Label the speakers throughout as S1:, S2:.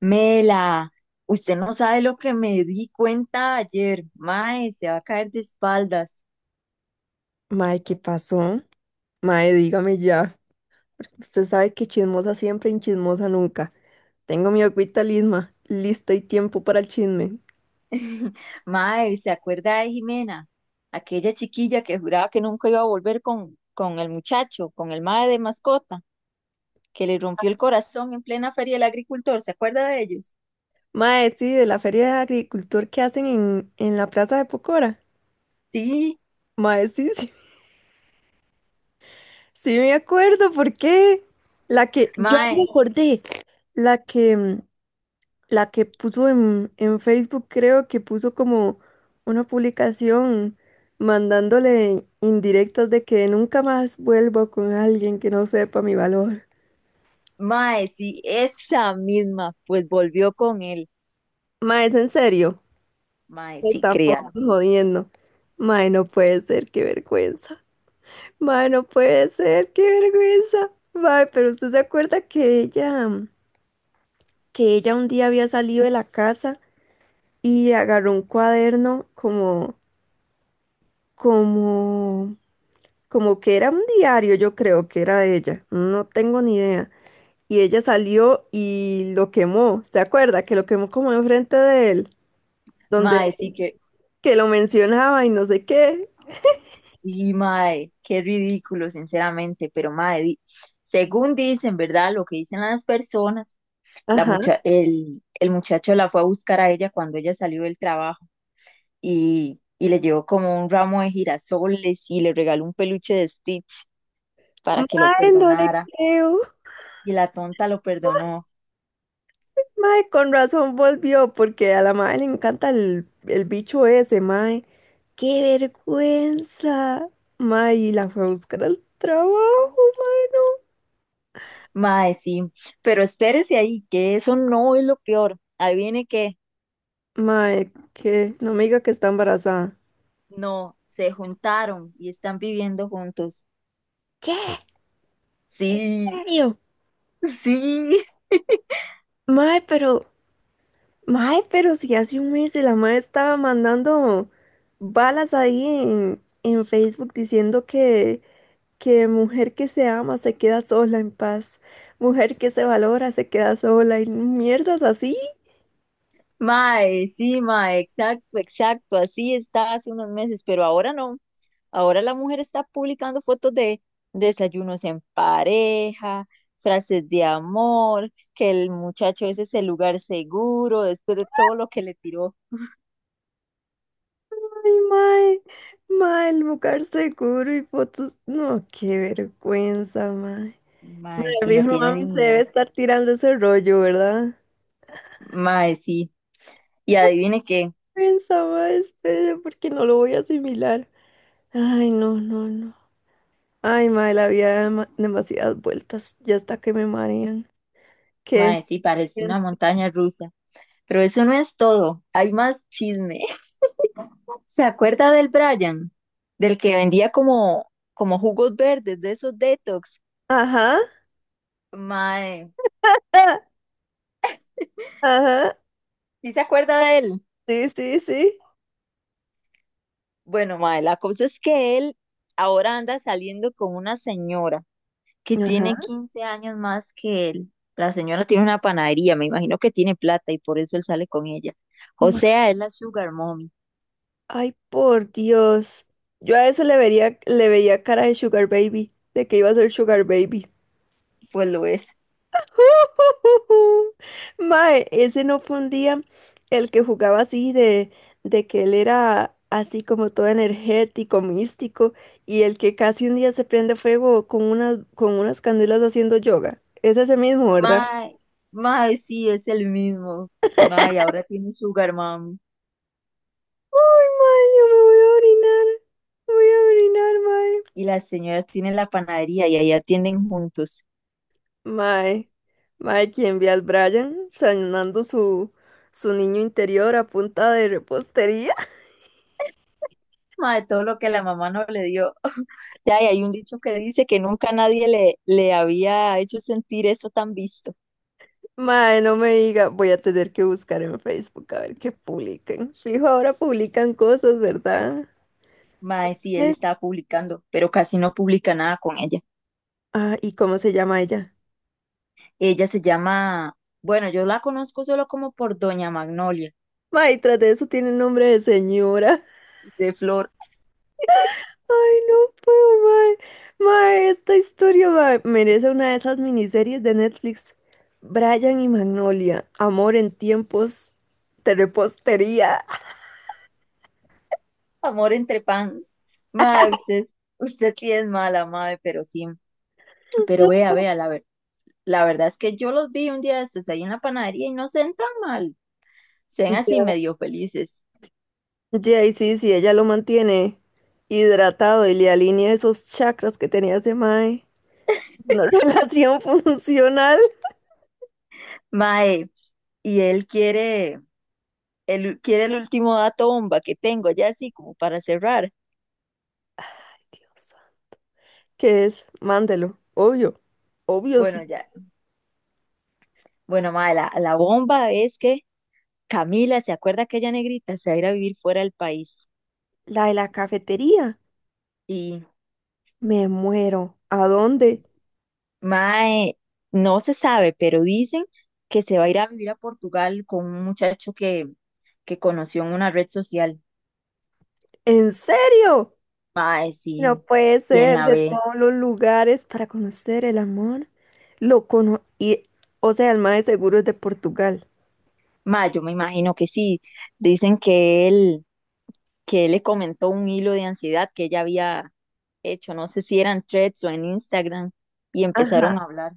S1: Mela, usted no sabe lo que me di cuenta ayer. Mae, se va a caer de espaldas.
S2: Mae, ¿qué pasó? Mae, dígame ya. Porque usted sabe que chismosa siempre y chismosa nunca. Tengo mi agüita lisma, lista y tiempo para el chisme.
S1: Mae, ¿se acuerda de Jimena? Aquella chiquilla que juraba que nunca iba a volver con el muchacho, con el mae de mascota, que le rompió el corazón en plena feria del agricultor. ¿Se acuerda de ellos?
S2: Mae, sí, de la feria de agricultor que hacen en, la plaza de Pocora.
S1: Sí,
S2: Mae, sí, sí, sí me acuerdo, ¿por qué? La que, yo me
S1: mae,
S2: acordé, la que, mm, la que puso en Facebook, creo que puso como una publicación mandándole indirectas de que nunca más vuelvo con alguien que no sepa mi valor.
S1: mae, sí, esa misma, pues volvió con él.
S2: Ma, es en serio.
S1: Mae,
S2: Me
S1: sí,
S2: están
S1: créalo.
S2: jodiendo. Ma, no puede ser, qué vergüenza. Ma, no puede ser, qué vergüenza. Ma, pero usted se acuerda que ella un día había salido de la casa y agarró un cuaderno como, como como que era un diario, yo creo que era de ella, no tengo ni idea. Y ella salió y lo quemó, ¿se acuerda? Que lo quemó como enfrente de él, donde
S1: Mae, sí, que
S2: que lo mencionaba y no sé qué.
S1: Sí, mae, qué ridículo, sinceramente, pero mae, según dicen, ¿verdad? Lo que dicen las personas, la
S2: Ajá.
S1: mucha el, el muchacho la fue a buscar a ella cuando ella salió del trabajo y le llevó como un ramo de girasoles y le regaló un peluche de Stitch para que lo
S2: Mae, no le
S1: perdonara
S2: creo.
S1: y la tonta lo perdonó.
S2: Mae, con razón volvió, porque a la mae le encanta el bicho ese, mae. ¡Qué vergüenza! Mae, y la fue a buscar al trabajo, mae,
S1: Mae, sí, pero espérese ahí, que eso no es lo peor. Ahí viene que
S2: no. Mae, que no me diga que está embarazada.
S1: no, se juntaron y están viviendo juntos.
S2: ¿Qué? ¿En
S1: Sí.
S2: serio?
S1: Sí,
S2: Mae, pero, mae, pero si hace un mes la mae estaba mandando balas ahí en, Facebook diciendo que mujer que se ama se queda sola en paz, mujer que se valora se queda sola y mierdas así.
S1: mae, sí, mae, exacto, exacto, así está hace unos meses, pero ahora no. Ahora la mujer está publicando fotos de desayunos en pareja, frases de amor, que el muchacho ese es el lugar seguro después de todo lo que le tiró.
S2: Ay, mae, el lugar seguro y fotos. No, qué vergüenza, mae.
S1: Mae,
S2: El
S1: sí, no
S2: viejo
S1: tiene
S2: mami se debe
S1: dignidad.
S2: estar tirando ese rollo, ¿verdad?
S1: Mae, sí. Y adivine qué,
S2: Vergüenza, mae, espere, porque no lo voy a asimilar. Ay, no, no, no. Ay, mae, la vida da demasiadas vueltas, ya hasta que me marean. ¿Qué?
S1: mae, sí, parece una
S2: Bien.
S1: montaña rusa. Pero eso no es todo, hay más chisme. ¿Se acuerda del Brian? Del que vendía como jugos verdes, de esos detox.
S2: Ajá,
S1: Mae,
S2: ah, ajá,
S1: ¿sí se acuerda de él?
S2: sí, sí, sí.
S1: Bueno, mae, la cosa es que él ahora anda saliendo con una señora que
S2: Ajá.
S1: tiene 15 años más que él. La señora tiene una panadería, me imagino que tiene plata y por eso él sale con ella. O
S2: Ma-
S1: sea, es la Sugar Mommy,
S2: Ay, por Dios. Yo a ese le vería, le veía cara de Sugar Baby, de que iba a ser Sugar Baby.
S1: pues lo es.
S2: Mae, ese no fue un día el que jugaba así de que él era así como todo energético, místico, y el que casi un día se prende fuego con unas candelas haciendo yoga. Es ese mismo, ¿verdad?
S1: Mae, mae, sí, es el mismo. Mae, ahora tiene Sugar Mommy.
S2: Ay, mae, yo me voy a orinar. Voy a orinar, mae.
S1: Y la señora tiene la panadería y ahí atienden juntos.
S2: Mae, mae, quien ve al Brian sanando su, su niño interior a punta de repostería.
S1: Madre, todo lo que la mamá no le dio. Ya, y hay un dicho que dice que nunca nadie le había hecho sentir eso tan visto.
S2: Mae, no me diga, voy a tener que buscar en Facebook a ver qué publican. Fijo, ahora publican cosas, ¿verdad?
S1: Madre, sí, él
S2: Sí.
S1: estaba publicando, pero casi no publica nada con ella.
S2: Ah, ¿y cómo se llama ella?
S1: Ella se llama, bueno, yo la conozco solo como por Doña Magnolia,
S2: Mae, tras de eso tiene nombre de señora.
S1: de Flor,
S2: Ay, no puedo, mae. Mae, esta historia, mae, merece una de esas miniseries de Netflix. Brian y Magnolia, amor en tiempos de repostería.
S1: Amor entre Pan. Madre, usted, usted sí es mala, madre, pero sí. Pero la verdad es que yo los vi un día de estos ahí en la panadería y no se ven tan mal. Sean así medio felices.
S2: Ya, y sí, sí, ella lo mantiene hidratado y le alinea esos chakras que tenía ese mae. No, relación funcional,
S1: Mae, y él quiere el último dato bomba que tengo, ya así como para cerrar.
S2: que es, mándelo, obvio, obvio,
S1: Bueno,
S2: sí.
S1: ya, bueno, mae, la bomba es que Camila, ¿se acuerda aquella negrita? Se va a ir a vivir fuera del país.
S2: La de la cafetería,
S1: Y
S2: me muero. ¿A dónde?
S1: mae, no se sabe, pero dicen que se va a ir a vivir a Portugal con un muchacho que conoció en una red social.
S2: ¿En serio?
S1: Mae,
S2: No
S1: sí,
S2: puede
S1: ¿quién
S2: ser
S1: la
S2: de
S1: ve?
S2: todos los lugares para conocer el amor. Lo cono y, o sea, el mae seguro es de Portugal.
S1: Mae, yo me imagino que sí. Dicen que él le comentó un hilo de ansiedad que ella había hecho, no sé si eran threads o en Instagram, y empezaron a hablar.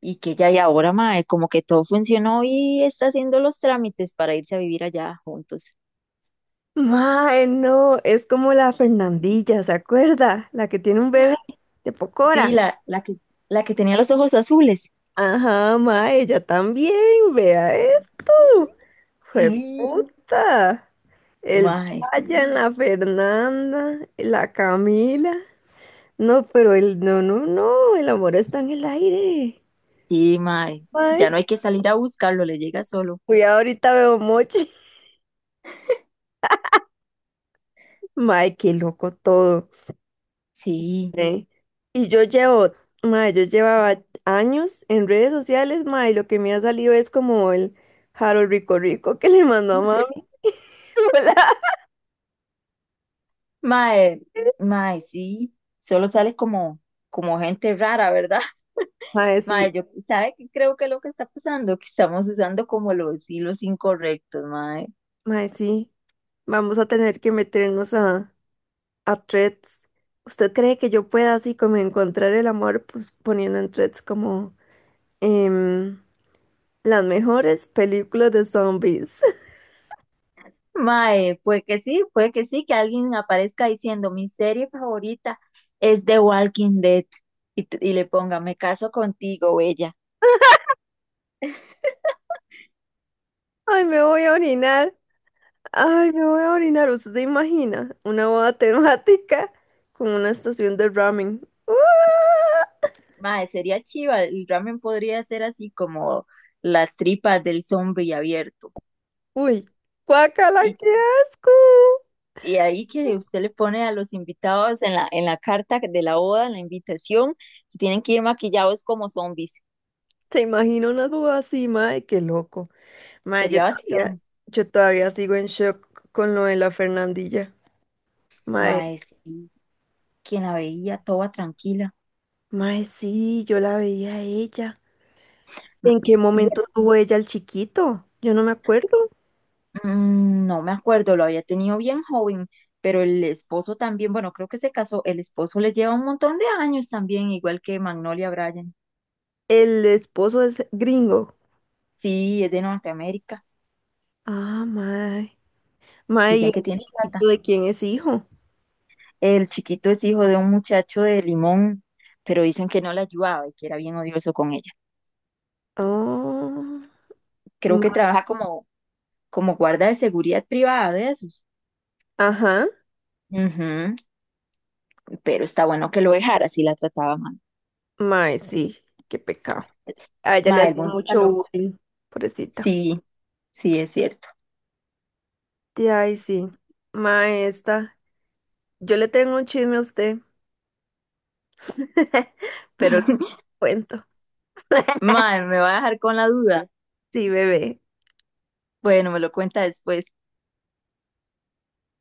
S1: Y que ella, y ahora, mae, como que todo funcionó y está haciendo los trámites para irse a vivir allá juntos.
S2: Mae, no, es como la Fernandilla, ¿se acuerda? La que tiene un bebé de Pocora.
S1: Sí, la que tenía los ojos azules.
S2: Ajá, mae, ella también, vea eso.
S1: Sí,
S2: ¡Puta! El
S1: mae, sí,
S2: Brian, la Fernanda, la Camila. No, pero el no, no, no, el amor está en el aire.
S1: sí, mae. Ya
S2: Ay,
S1: no hay que salir a buscarlo, le llega solo.
S2: cuidado, ahorita veo mochi. Mae, qué loco todo.
S1: Sí,
S2: ¿Eh? Y yo llevo, mae, yo llevaba años en redes sociales, mae, y lo que me ha salido es como el Harold Rico Rico que le mandó a mami. Hola.
S1: mae, mae, sí. Solo sale como, como gente rara, ¿verdad?
S2: Mae,
S1: Mae,
S2: sí,
S1: yo, ¿sabe qué creo que es lo que está pasando? Que estamos usando como los hilos incorrectos, mae.
S2: mae, sí. Vamos a tener que meternos a threads. ¿Usted cree que yo pueda así como encontrar el amor pues poniendo en threads como em, las mejores películas de zombies?
S1: Mae, puede que sí, que alguien aparezca diciendo, mi serie favorita es The Walking Dead, y, y le ponga, me caso contigo, ella
S2: Ay, me voy a orinar. Ay, me voy a orinar. ¿Usted se imagina una boda temática con una estación de ramen? ¡Ah!
S1: Mae, sería chiva, el ramen podría ser así como las tripas del zombie abierto.
S2: Uy, guácala,
S1: Y,
S2: qué asco.
S1: y ahí que usted le pone a los invitados en la carta de la boda, en la invitación, que tienen que ir maquillados como zombies.
S2: Se imagina una boda así, mae, qué loco. Mae,
S1: Sería vacilón.
S2: yo todavía sigo en shock con lo de la Fernandilla. Mae,
S1: Mae, sí, quien la veía toda tranquila.
S2: Mae, sí, yo la veía a ella.
S1: M-
S2: ¿En qué
S1: Y
S2: momento tuvo ella al chiquito? Yo no me acuerdo.
S1: no me acuerdo, lo había tenido bien joven, pero el esposo también, bueno, creo que se casó, el esposo le lleva un montón de años también, igual que Magnolia Bryan.
S2: El esposo es gringo.
S1: Sí, es de Norteamérica,
S2: Ah, mae. Mae, ¿y el
S1: dicen que tiene plata.
S2: chiquito de quién es hijo?
S1: El chiquito es hijo de un muchacho de Limón, pero dicen que no la ayudaba y que era bien odioso con ella.
S2: Oh,
S1: Creo que
S2: ma-
S1: trabaja como, como guarda de seguridad privada de esos.
S2: ajá.
S1: Ujú, pero está bueno que lo dejara si la trataba mal.
S2: Mae, sí, qué pecado. A ella le
S1: Ma, el
S2: hace
S1: mundo está
S2: mucho
S1: loco.
S2: bullying, pobrecita.
S1: Sí, sí, es cierto.
S2: De ahí sí. Mae, esta. Yo le tengo un chisme a usted, pero le cuento.
S1: Ma, me va a dejar con la duda.
S2: Sí, bebé.
S1: Bueno, me lo cuenta después.